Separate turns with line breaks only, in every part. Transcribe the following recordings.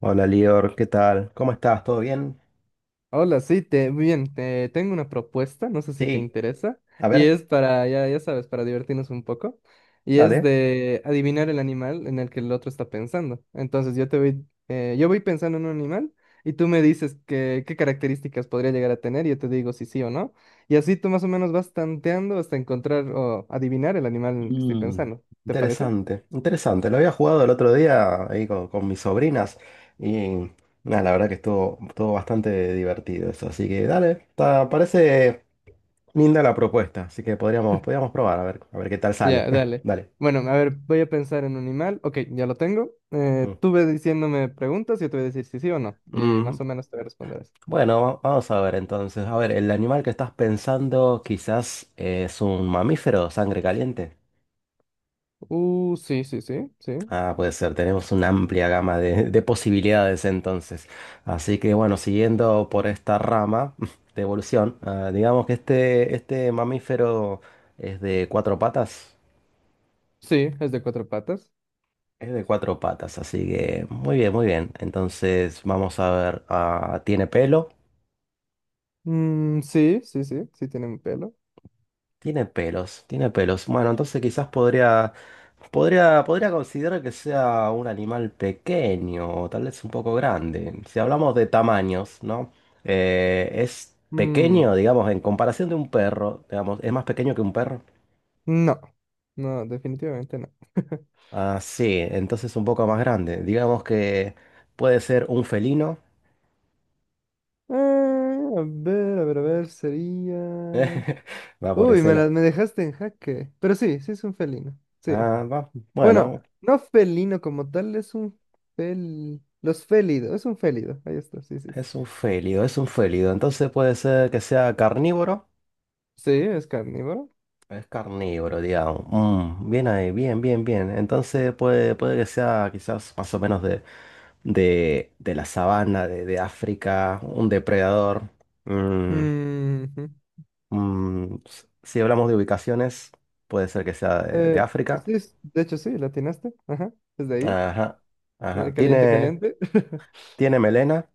Hola Lior, ¿qué tal? ¿Cómo estás? ¿Todo bien?
Hola, sí, muy bien, te tengo una propuesta, no sé si te
Sí.
interesa,
A
y
ver,
es para, ya sabes, para divertirnos un poco, y es
dale.
de adivinar el animal en el que el otro está pensando. Entonces yo voy pensando en un animal y tú me dices qué características podría llegar a tener, y yo te digo si sí o no, y así tú más o menos vas tanteando hasta encontrar o adivinar el animal en el que estoy
Mm,
pensando, ¿te parece?
interesante, interesante. Lo había jugado el otro día ahí con mis sobrinas y nada, la verdad que estuvo bastante divertido eso. Así que dale, parece linda la propuesta, así que podríamos probar a ver qué tal sale.
Ya, dale.
Dale.
Bueno, a ver, voy a pensar en un animal. Ok, ya lo tengo.
Mm.
Tú ve diciéndome preguntas y yo te voy a decir si sí o no. Y
Mm,
más o menos te voy a responder eso.
bueno, vamos a ver entonces. A ver, el animal que estás pensando quizás es un mamífero, sangre caliente.
Sí, sí, sí, sí.
Ah, puede ser, tenemos una amplia gama de posibilidades entonces. Así que bueno, siguiendo por esta rama de evolución, digamos que este mamífero es de cuatro patas.
Sí, es de cuatro patas.
Es de cuatro patas, así que muy bien, muy bien. Entonces vamos a ver, ¿tiene pelo?
Mm, sí, sí, sí, sí tiene un pelo.
Tiene pelos, tiene pelos. Bueno, entonces quizás podría... podría considerar que sea un animal pequeño o tal vez un poco grande. Si hablamos de tamaños, ¿no? Es
Mm,
pequeño, digamos, en comparación de un perro, digamos, es más pequeño que un perro.
no, no, definitivamente no.
Ah, sí, entonces un poco más grande. Digamos que puede ser un felino.
A ver, a ver, a ver, sería...
Va por
Uy,
ese lado.
me dejaste en jaque. Pero sí, sí es un felino. Sí.
Ah, va.
Bueno,
Bueno,
no felino como tal, es un fel... Los félidos, es un félido, ahí está, sí, sí.
es un félido, es un félido. Entonces puede ser que sea carnívoro.
Sí, es carnívoro.
Es carnívoro, digamos. Mm, bien ahí, bien, bien, bien. Entonces puede, puede que sea quizás más o menos de la sabana, de África, un depredador. Mm,
Ujú.
mm, si hablamos de ubicaciones, puede ser que sea de
Eh,
África.
sí, de hecho sí, la atinaste, ajá, desde ahí.
Ajá, ajá.
Caliente,
¿
caliente.
tiene melena?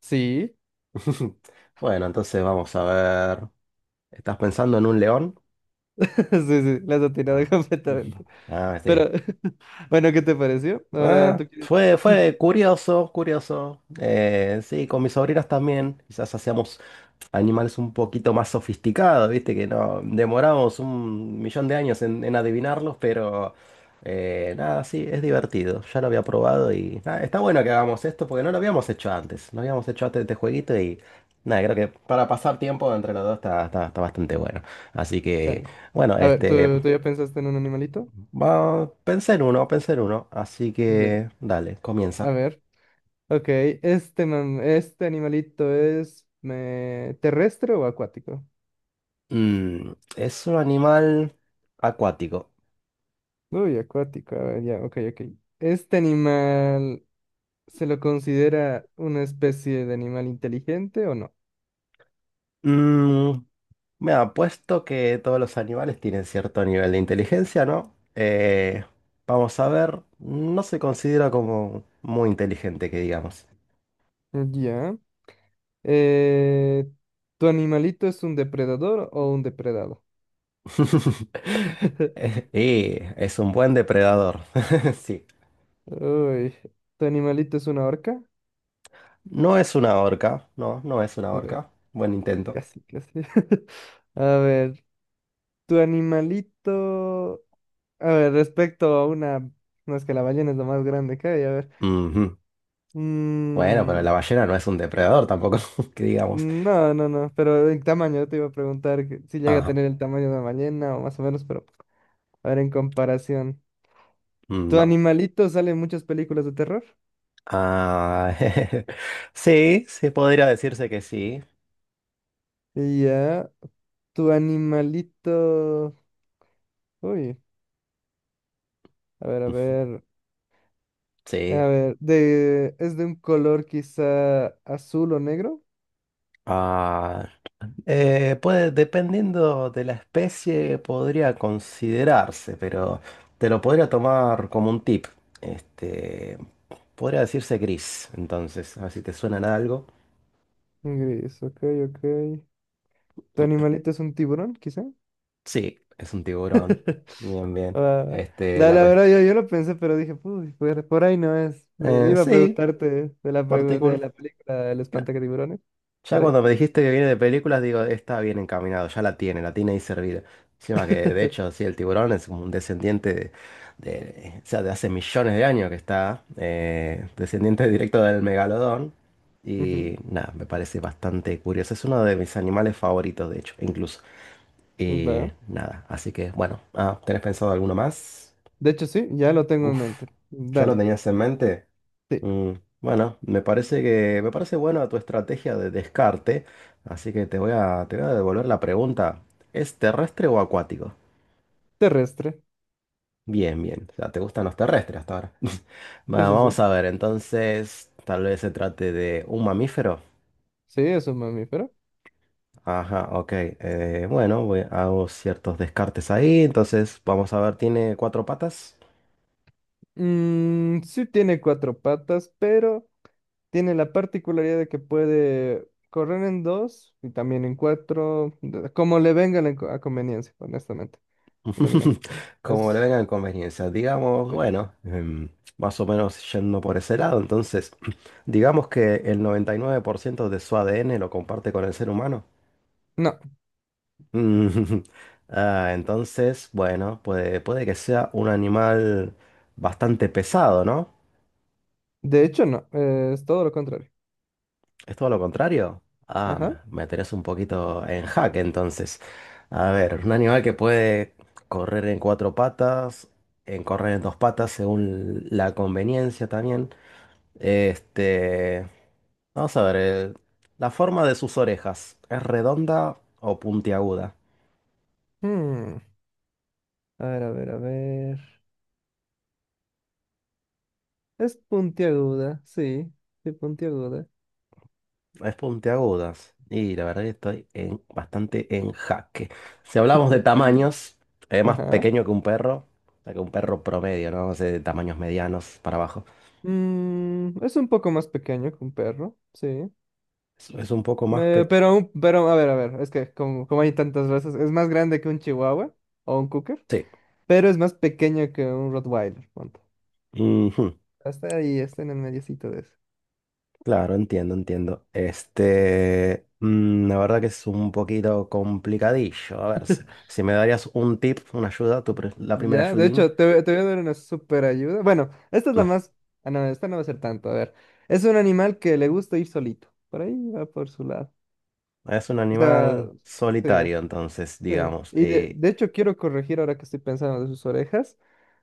Sí,
Bueno, entonces vamos a ver. ¿Estás pensando en un león?
sí, sí, la has atinado
Ah,
completamente.
Ah, sí.
Pero, bueno, ¿qué te pareció? Ahora
Ah,
tú quieres...
fue curioso, curioso. Sí, con mis sobrinas también. Quizás hacíamos animales un poquito más sofisticados, viste, que no demoramos un millón de años en adivinarlos, pero nada, sí, es divertido. Ya lo había probado y nada, está bueno que hagamos esto porque no lo habíamos hecho antes. No habíamos hecho antes este jueguito y nada, creo que para pasar tiempo entre los dos está bastante bueno. Así que,
Dale.
bueno,
A ver,
este.
¿tú ya pensaste en un animalito?
Va, pensé en uno, así
Ya,
que dale,
a
comienza.
ver. Ok, este, ¿este animalito es terrestre o acuático?
Mm, es un animal acuático.
Uy, acuático, a ver, ya, ok, ok. ¿Este animal se lo considera una especie de animal inteligente o no?
Mm, me ha puesto que todos los animales tienen cierto nivel de inteligencia, ¿no? Vamos a ver, no se considera como muy inteligente, que digamos.
Ya. Eh, ¿Tu animalito es un depredador o un depredado?
Y es un buen depredador, sí.
Uy, ¿tu animalito es una orca?
No es una orca, no, no es una
Uy,
orca. Buen intento.
casi, casi. A ver, ¿tu animalito... A ver, respecto a una... No, es que la ballena es lo más grande que hay, a ver.
Ujú. Bueno, pero
Mm,
la ballena no es un depredador tampoco, que digamos.
no, no, no, pero el tamaño, te iba a preguntar que si llega a
Ah,
tener el tamaño de una ballena o más o menos, pero a ver en comparación. Tu
no.
animalito sale en muchas películas de terror.
Ah, sí, sí, podría decirse que sí.
Y ya, tu animalito... Uy, a ver, a ver, a
Sí.
ver, es de un color quizá azul o negro.
Ah, puede, dependiendo de la especie, podría considerarse, pero te lo podría tomar como un tip. Este, podría decirse gris, entonces, a ver si te suena de algo.
Gris, ok, ok. ¿Tu animalito es un tiburón, quizá?
Sí, es un tiburón. Bien, bien.
Ah,
Este,
la,
la
la verdad,
cuestión.
yo lo pensé, pero dije, "Uy, por ahí no es. Iba a
Sí,
preguntarte de
partícula.
la película El espantatiburones,
Ya
por ahí.
cuando me dijiste que viene de películas, digo, está bien encaminado, ya la tiene ahí servida. Encima que, de hecho, sí, el tiburón es como un descendiente de, o sea, de hace millones de años que está, descendiente directo del megalodón.
Ujú,
Y nada, me parece bastante curioso. Es uno de mis animales favoritos, de hecho, incluso. Y
va.
nada, así que, bueno, ¿tenés pensado alguno más?
De hecho, sí, ya lo tengo en
Uf,
mente.
ya lo
Dale,
tenías en mente.
sí.
Mm, bueno, me parece buena tu estrategia de descarte, así que te voy a devolver la pregunta. ¿Es terrestre o acuático?
Terrestre.
Bien, bien. O sea, te gustan los terrestres hasta ahora.
Sí,
Va,
sí,
vamos
sí.
a ver, entonces, tal vez se trate de un mamífero.
Sí, es un mamífero.
Ajá, ok. Bueno, hago ciertos descartes ahí. Entonces, vamos a ver, ¿tiene cuatro patas?
Mm, sí tiene cuatro patas, pero tiene la particularidad de que puede correr en dos y también en cuatro, como le venga a conveniencia, honestamente, el animalito.
Como le
Es,
vengan conveniencias, digamos, bueno, más o menos yendo por ese lado, entonces, digamos que el 99% de su ADN lo comparte con el ser humano.
No,
Mm, entonces, bueno, puede, puede que sea un animal bastante pesado, ¿no?
de hecho no, es todo lo contrario.
¿Es todo lo contrario? Ah,
Ajá.
me tenés un poquito en jaque entonces. A ver, un animal que puede correr en cuatro patas, en correr en dos patas según la conveniencia también. Este, vamos a ver, la forma de sus orejas, ¿es redonda o puntiaguda?
Hmm, A ver, a ver, a ver. Es puntiaguda, sí, sí, puntiaguda.
Es puntiagudas. Y la verdad que bastante en jaque. Si hablamos de tamaños, es más
Ajá.
pequeño que un perro, o sea, que un perro promedio, ¿no? O sea, de tamaños medianos para abajo.
Mm, es un poco más pequeño que un perro, sí.
Es un poco más pequeño.
Pero, pero, a ver, es que como, como hay tantas razas, es más grande que un chihuahua o un cocker,
Sí.
pero es más pequeño que un Rottweiler, ponte.
Ujú.
Hasta ahí, está en el mediocito de eso.
Claro, entiendo, entiendo. Este, mm, la verdad que es un poquito complicadillo. A ver, si me darías un tip, una ayuda, la primera
Ya, de
ayudín.
hecho, te voy a dar una super ayuda. Bueno, esta es la
No,
más. Ah, no, esta no va a ser tanto. A ver. Es un animal que le gusta ir solito. Por ahí va por su lado.
es un
O sea,
animal
sí,
solitario, entonces,
sí.
digamos.
Y de hecho, quiero corregir ahora que estoy pensando de sus orejas.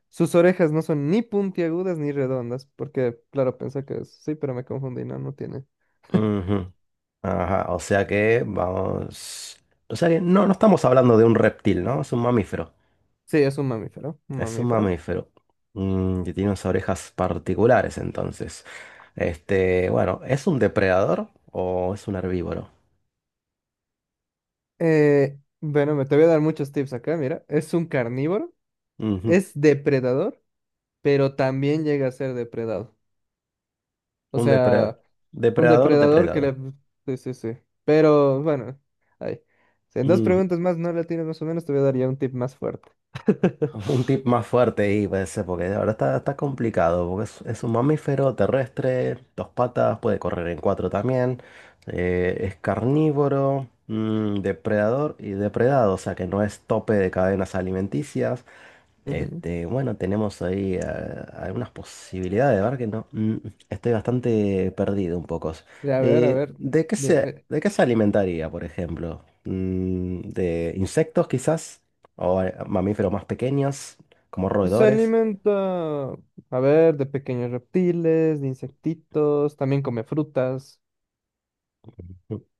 Sus orejas no son ni puntiagudas ni redondas. Porque, claro, pensé que sí, pero me confundí. No, no tiene.
Ujú. Ajá, o sea que vamos. O sea que no, no estamos hablando de un reptil, ¿no? Es un mamífero.
Sí, es un mamífero. Un
Es un
mamífero.
mamífero. Mm, que tiene unas orejas particulares, entonces. Este, bueno, ¿es un depredador o es un herbívoro?
Bueno, me te voy a dar muchos tips acá, mira. Es un carnívoro.
Ujú,
Es depredador, pero también llega a ser depredado. O
un depredador.
sea, un
Depredador,
depredador que
depredado.
le... Sí, sí, sí. Pero bueno, ahí. Si en dos preguntas más no la tienes más o menos, te voy a dar ya un tip más fuerte.
Un tip más fuerte ahí puede ser, porque ahora está, está complicado, porque es un mamífero terrestre, dos patas, puede correr en cuatro también, es carnívoro, mm, depredador y depredado, o sea que no es tope de cadenas alimenticias,
Ujú.
este, bueno, tenemos ahí algunas posibilidades, ¿verdad? Que no, mm, estoy bastante perdido un poco.
Ya, a ver, a
Eh,
ver.
¿de qué
Dime,
se, de qué se alimentaría, por ejemplo? Mm, ¿de insectos quizás? ¿O mamíferos más pequeños, como
se
roedores?
alimenta, a ver, de pequeños reptiles, de insectitos, también come frutas.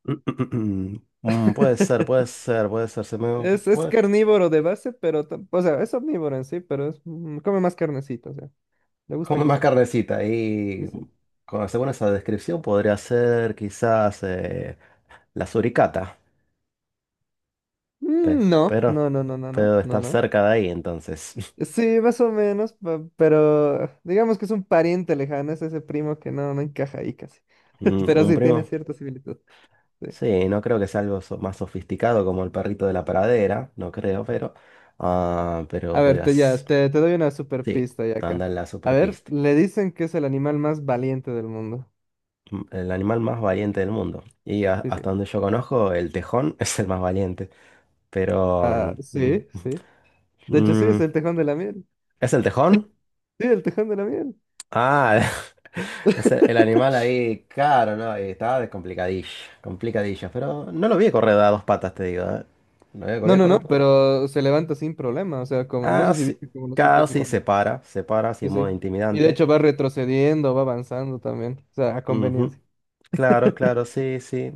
Mm, mm, puede ser, puede ser, puede ser. Se me
Es
puede
carnívoro de base, pero, o sea, es omnívoro en sí, pero es, mm, come más carnecita, o sea, le gusta
comer más
cazar.
carnecita.
Sí,
Y
sí.
según esa descripción podría ser quizás la suricata. Pe-
Mm, no,
pero,
no, no, no, no, no,
pero
no,
estar
no.
cerca de ahí, entonces.
Sí, más o menos, pero digamos que es un pariente lejano, es ese primo que no encaja ahí casi.
Mm,
Pero
¿un
sí, tiene
primo?
cierta similitud. Sí.
Sí, no creo que sea algo más sofisticado como el perrito de la pradera, no creo, pero. Ah, pero
A ver,
podrías.
te doy una super
Sí,
pista ya acá.
andar en la
A ver,
superpista.
le dicen que es el animal más valiente del mundo.
Mm, el animal más valiente del mundo. Y
Sí, sí.
hasta donde yo conozco, el tejón es el más valiente. Pero.
Ah,
Mm,
sí, sí. De hecho, sí,
mm,
es el tejón de la miel.
¿es el tejón?
Sí, el tejón de la miel.
Ah, El animal ahí, caro, ¿no? Y estaba de complicadillo, complicadillo. Pero no lo vi correr a dos patas, te digo, ¿eh? Lo
No,
vi
no,
correr.
no, pero se levanta sin problema. O sea, como, no
Ah,
sé si
sí.
viste como los hitos.
Casi se para, se para, así
Sí,
en
sí.
modo
Y de
intimidante.
hecho va retrocediendo, va avanzando también, o sea, a
Ujú.
conveniencia.
Claro, claro, sí, sí.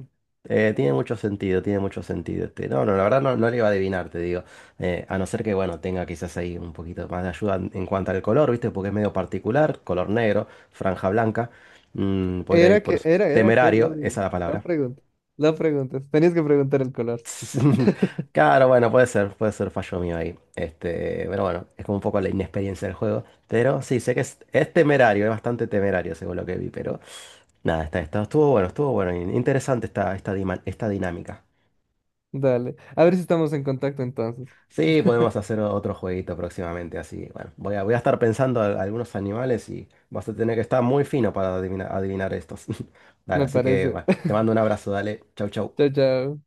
Tiene mucho sentido, tiene mucho sentido. Este. No, no, la verdad no, no le iba a adivinar, te digo. A no ser que, bueno, tenga quizás ahí un poquito más de ayuda en cuanto al color, ¿viste? Porque es medio particular, color negro, franja blanca. Mm, podría ir
Era
por
que, era que
temerario,
lo de,
esa es la
la
palabra.
pregunta, la pregunta, tenías que preguntar el color.
Claro, bueno, puede ser fallo mío ahí. Este, pero bueno, es como un poco la inexperiencia del juego. Pero sí, sé que es temerario, es bastante temerario según lo que vi, pero nada, estuvo bueno, estuvo bueno. Interesante esta dinámica.
Dale, a ver si estamos en contacto entonces,
Sí, podemos hacer otro jueguito próximamente, así. Bueno, voy a estar pensando algunos animales y vas a tener que estar muy fino para adivinar, adivinar estos. Dale,
me
así que
parece.
bueno, te mando un abrazo, dale. Chau,
Chao,
chau.
chao.